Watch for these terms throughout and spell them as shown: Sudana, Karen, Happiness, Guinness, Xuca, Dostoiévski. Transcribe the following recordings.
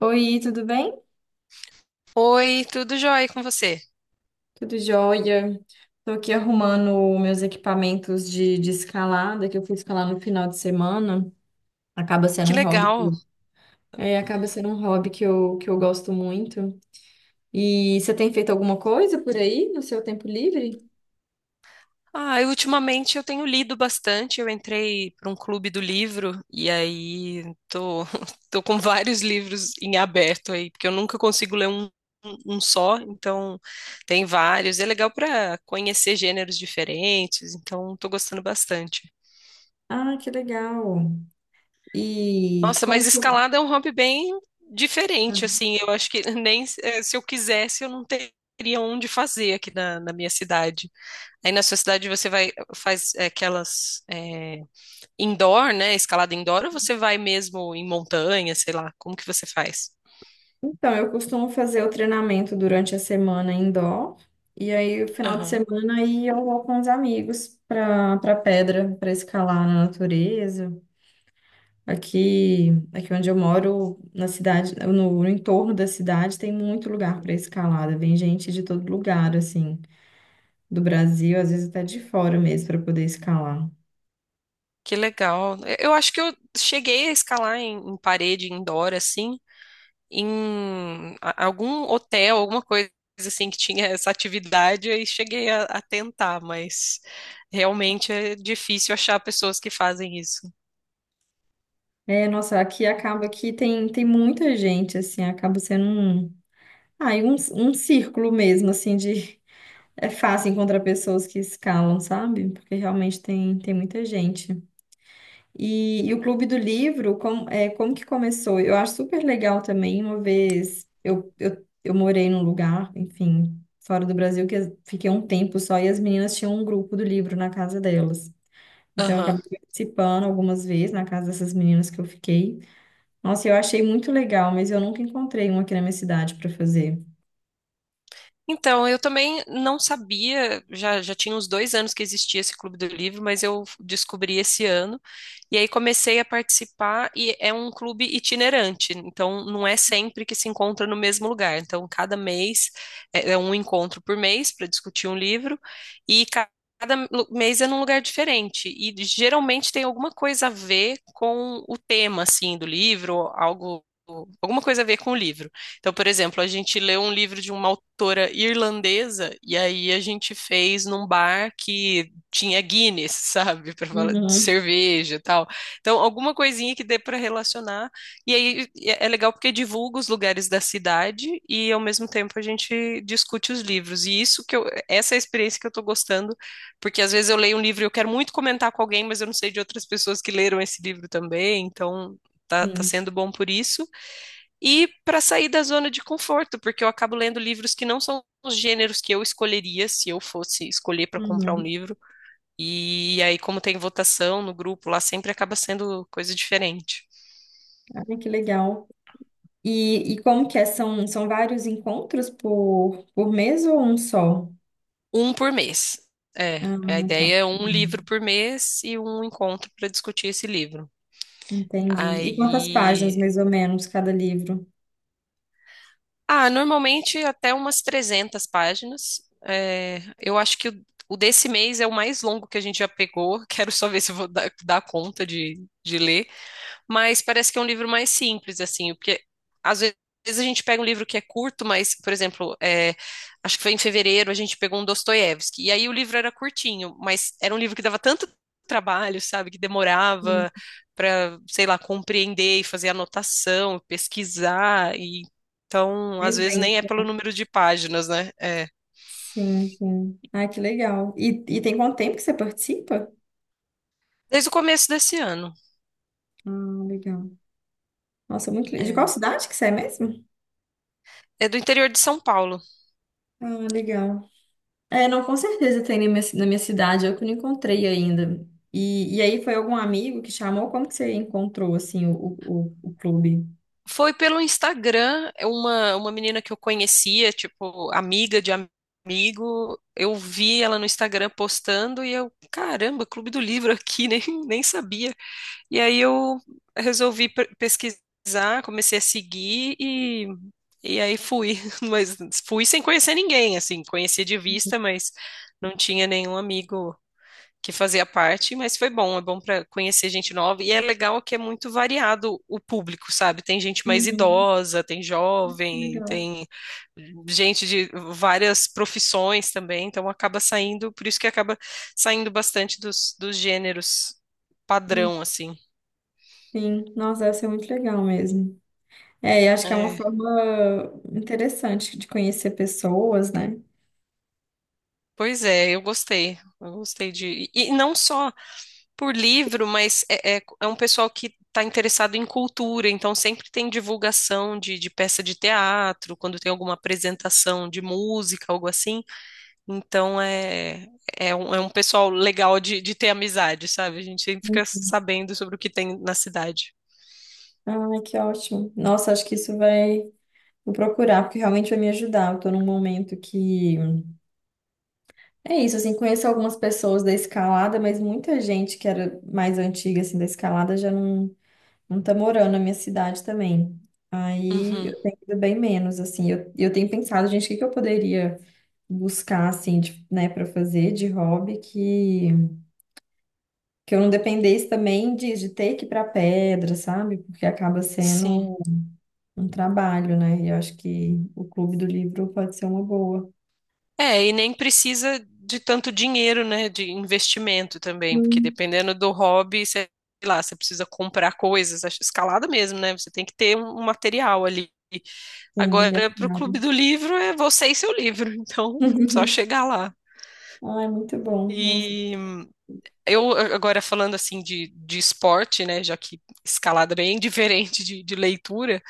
Oi, tudo bem? Oi, tudo jóia com você? Tudo jóia. Estou aqui arrumando meus equipamentos de escalada, que eu fui escalar no final de semana. Acaba Que sendo um hobby que, legal. é, acaba sendo um hobby que eu gosto muito. E você tem feito alguma coisa por aí no seu tempo livre? Ah, eu, ultimamente eu tenho lido bastante. Eu entrei para um clube do livro e aí tô, tô com vários livros em aberto aí, porque eu nunca consigo ler um só, então tem vários. É legal para conhecer gêneros diferentes, então tô gostando bastante. Ah, que legal. E Nossa, como mas que eu- escalada é um hobby bem diferente, assim. Eu acho que nem se eu quisesse eu não teria onde fazer aqui na minha cidade. Aí na sua cidade você vai faz é, aquelas é, indoor, né? Escalada indoor, ou você vai mesmo em montanha, sei lá, como que você faz? Então, eu costumo fazer o treinamento durante a semana indoor, e aí o final de Aham. semana aí eu vou com os amigos para pedra, para escalar na natureza. Aqui onde eu moro, na cidade, no entorno da cidade, tem muito lugar para escalada. Vem gente de todo lugar, assim, do Brasil, às vezes até de fora mesmo, para poder escalar. Que legal. Eu acho que eu cheguei a escalar em, em parede indoor, assim, em algum hotel, alguma coisa assim que tinha essa atividade, aí cheguei a tentar, mas realmente é difícil achar pessoas que fazem isso. É, nossa, aqui acaba que tem muita gente, assim, acaba sendo um, ah, e um círculo mesmo, assim, de é fácil encontrar pessoas que escalam, sabe? Porque realmente tem muita gente. E o Clube do Livro, como, é, como que começou? Eu acho super legal também, uma vez eu morei num lugar, enfim, fora do Brasil, que as- fiquei um tempo só, e as meninas tinham um grupo do livro na casa delas. Então eu Aham. acabei participando algumas vezes na casa dessas meninas que eu fiquei. Nossa, eu achei muito legal, mas eu nunca encontrei um aqui na minha cidade para fazer. Então, eu também não sabia, já tinha uns dois anos que existia esse Clube do Livro, mas eu descobri esse ano. E aí comecei a participar, e é um clube itinerante, então não é sempre que se encontra no mesmo lugar. Então, cada mês é, é um encontro por mês para discutir um livro, e mês é num lugar diferente. E geralmente tem alguma coisa a ver com o tema, assim, do livro, algo, alguma coisa a ver com o livro. Então, por exemplo, a gente leu um livro de uma autora irlandesa e aí a gente fez num bar que tinha Guinness, sabe, para falar de Uhum. cerveja e tal. Então, alguma coisinha que dê para relacionar. E aí é legal porque divulga os lugares da cidade e ao mesmo tempo a gente discute os livros. E isso que eu, essa é a experiência que eu tô gostando, porque às vezes eu leio um livro e eu quero muito comentar com alguém, mas eu não sei de outras pessoas que leram esse livro também. Então, tá Sim. sendo bom por isso e para sair da zona de conforto, porque eu acabo lendo livros que não são os gêneros que eu escolheria se eu fosse escolher para comprar um Uhum. livro. E aí, como tem votação no grupo lá, sempre acaba sendo coisa diferente. Ai, que legal. E como que é? São, são vários encontros por mês ou um só? Um por mês. É, Ah, a tá. ideia é um livro por mês e um encontro para discutir esse livro. entendi. E quantas páginas, Aí, mais ou menos, cada livro? ah, normalmente até umas 300 páginas. É, eu acho que o desse mês é o mais longo que a gente já pegou. Quero só ver se eu vou dar conta de ler, mas parece que é um livro mais simples, assim, porque às ve- às vezes a gente pega um livro que é curto, mas, por exemplo, é, acho que foi em fevereiro, a gente pegou um Dostoiévski, e aí o livro era curtinho, mas era um livro que dava tanto trabalho, sabe, que Hum, demorava para, sei lá, compreender e fazer anotação, pesquisar, e então, às Mais vezes nem é denso. pelo número de páginas, né? É, Sim, sim. Ah, que legal. E tem quanto tempo que você participa? desde o começo desse ano. Ah, legal. Nossa, muito legal. De qual É, cidade que você é mesmo? é do interior de São Paulo. Ah, legal. É, não, com certeza tem na minha cidade, eu que não encontrei ainda. E aí foi algum amigo que chamou? Como que você encontrou, assim, o, o clube? Foi pelo Instagram, é uma menina que eu conhecia, tipo, amiga de amigo. Eu vi ela no Instagram postando e eu, caramba, Clube do Livro aqui, nem sabia. E aí eu resolvi pesquisar, comecei a seguir e aí fui. Mas fui sem conhecer ninguém, assim, conhecia de vista, mas não tinha nenhum amigo que fazia parte, mas foi bom, é bom para conhecer gente nova e é legal que é muito variado o público, sabe? Tem gente mais Uhum, idosa, tem jovem, legal. tem gente de várias profissões também, então acaba saindo, por isso que acaba saindo bastante dos gêneros Hum, padrão, assim. Sim, nossa, deve ser muito legal mesmo. É, eu acho que é uma É, forma interessante de conhecer pessoas, né? pois é, eu gostei de não só por livro, mas é um pessoal que está interessado em cultura, então sempre tem divulgação de peça de teatro, quando tem alguma apresentação de música, algo assim. Então é é um pessoal legal de ter amizade, sabe? A gente sempre fica sabendo sobre o que tem na cidade. Ai, que ótimo. Nossa, acho que isso vai. Vou procurar, porque realmente vai me ajudar. Eu tô num momento que. É isso, assim, conheço algumas pessoas da escalada, mas muita gente que era mais antiga, assim, da escalada já não tá morando na minha cidade também. Aí Uhum, eu tenho ido bem menos, assim. Eu tenho pensado, gente, o que que eu poderia buscar, assim, de- né, pra fazer de hobby que. Que eu não dependesse também de ter que ir para pedra, sabe? Porque acaba sim. sendo um trabalho, né? E eu acho que o Clube do Livro pode ser uma boa. É, e nem precisa de tanto dinheiro, né, de investimento também, porque Hum. dependendo do hobby, sei lá, você precisa comprar coisas, acho- escalada mesmo, né? Você tem que ter um material ali. Sim, e é Agora, para o Clube caro. do Livro, é você e seu livro, então só chegar lá. Ai, muito bom. Nossa, E eu agora falando assim de esporte, né, já que escalada é bem diferente de leitura,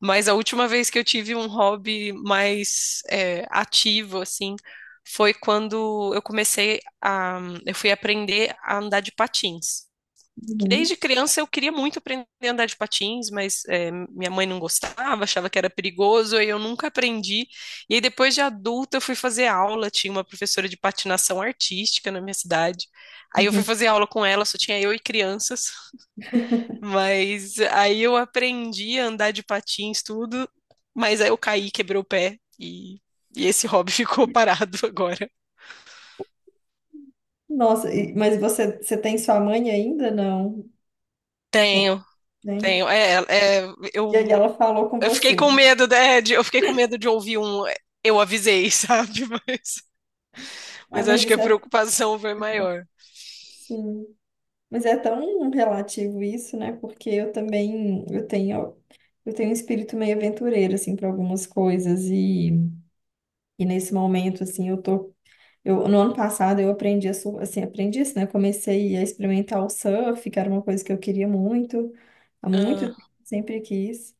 mas a última vez que eu tive um hobby mais ativo, assim, foi quando eu comecei a, eu fui aprender a andar de patins. tudo Que bom. desde criança eu queria muito aprender a andar de patins, mas é, minha mãe não gostava, achava que era perigoso, e eu nunca aprendi. E aí depois de adulta eu fui fazer aula, tinha uma professora de patinação artística na minha cidade. Aí eu fui Uhum. fazer aula com ela, só tinha eu e crianças. Mas aí eu aprendi a andar de patins, tudo, mas aí eu caí, quebrei o pé e esse hobby ficou parado agora. Nossa, e- mas você tem sua mãe ainda? Não. Tenho, Tem? tenho. É, é, E aí eu, ela falou com eu fiquei você. com medo, né, de, eu fiquei com medo de ouvir um. "É, eu avisei, sabe? Ah, Mas mas acho que a isso é preocupação foi maior. sim. Mas é tão relativo isso, né? Porque eu também eu tenho um espírito meio aventureiro assim para algumas coisas e nesse momento assim eu tô eu no ano passado eu aprendi a sur- assim aprendi isso, né? Comecei a experimentar o surf, que era uma coisa que eu queria muito, há muito Ah, tempo, sempre quis.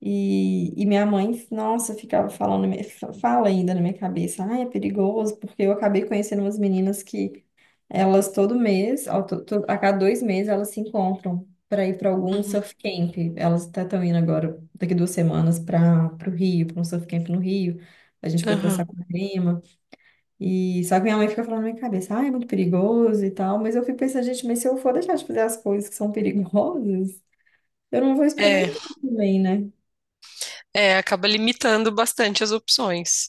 E minha mãe, nossa, ficava falando, na minha- fala ainda na minha cabeça, ai, é perigoso, porque eu acabei conhecendo umas meninas que elas todo mês, ó, to- to- a cada dois meses, elas se encontram para ir para algum uhum, surf camp. Elas até estão indo agora, daqui duas semanas, para o Rio, para um surf camp no Rio. A gente foi para aham. Saquarema. E só que minha mãe fica falando na minha cabeça, ah, é muito perigoso e tal. Mas eu fico pensando, gente, mas se eu for deixar de fazer as coisas que são perigosas, eu não vou É, experimentar também, né? é, acaba limitando bastante as opções.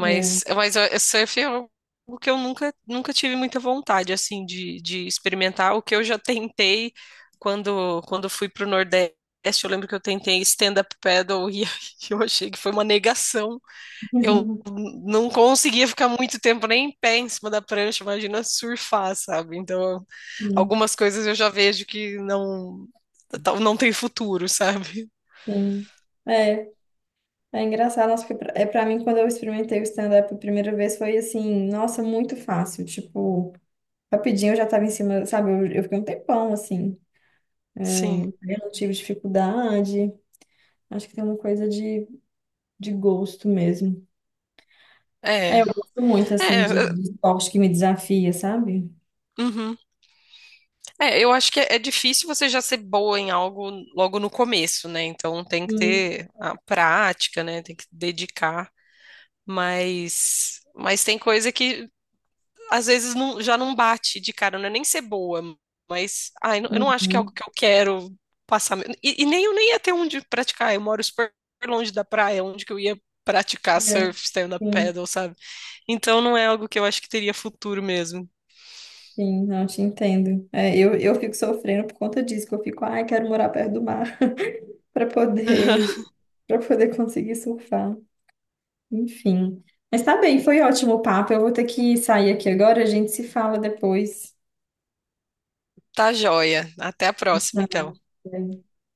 É. Mas surf é algo que eu nunca, nunca tive muita vontade, assim, de experimentar. O que eu já tentei quando, quando fui pro Nordeste, eu lembro que eu tentei stand-up paddle e eu achei que foi uma negação. Eu não conseguia ficar muito tempo nem em pé em cima da prancha, imagina surfar, sabe? Então, Sim, algumas coisas eu já vejo que não, não tem futuro, sabe? sim. É, é engraçado, nossa, porque pra- é para mim quando eu experimentei o stand-up a primeira vez foi assim, nossa, muito fácil, tipo, rapidinho eu já tava em cima, sabe? Eu fiquei um tempão assim, Sim. eu não tive dificuldade. Acho que tem uma coisa de gosto mesmo. É, É, eu gosto muito assim de, é, de esporte que me desafia, sabe? uhum. É, eu acho que é difícil você já ser boa em algo logo no começo, né? Então tem que Sim, ter a prática, né? Tem que dedicar, mas tem coisa que às vezes não- já não bate de cara, não é nem ser boa, mas ai, não- eu não acho que é algo uhum. que eu quero passar. E nem eu nem ia ter onde praticar. Eu moro super longe da praia, onde que eu ia praticar É, surf, stand-up sim, paddle, sabe? Então não é algo que eu acho que teria futuro mesmo. sim, não te entendo. É, eu fico sofrendo por conta disso, que eu fico, ai, quero morar perto do mar para poder para poder conseguir surfar. Enfim. Mas tá bem, foi ótimo o papo. Eu vou ter que sair aqui agora, a gente se fala depois. Tá joia. Até a próxima, Tá. então. Bem.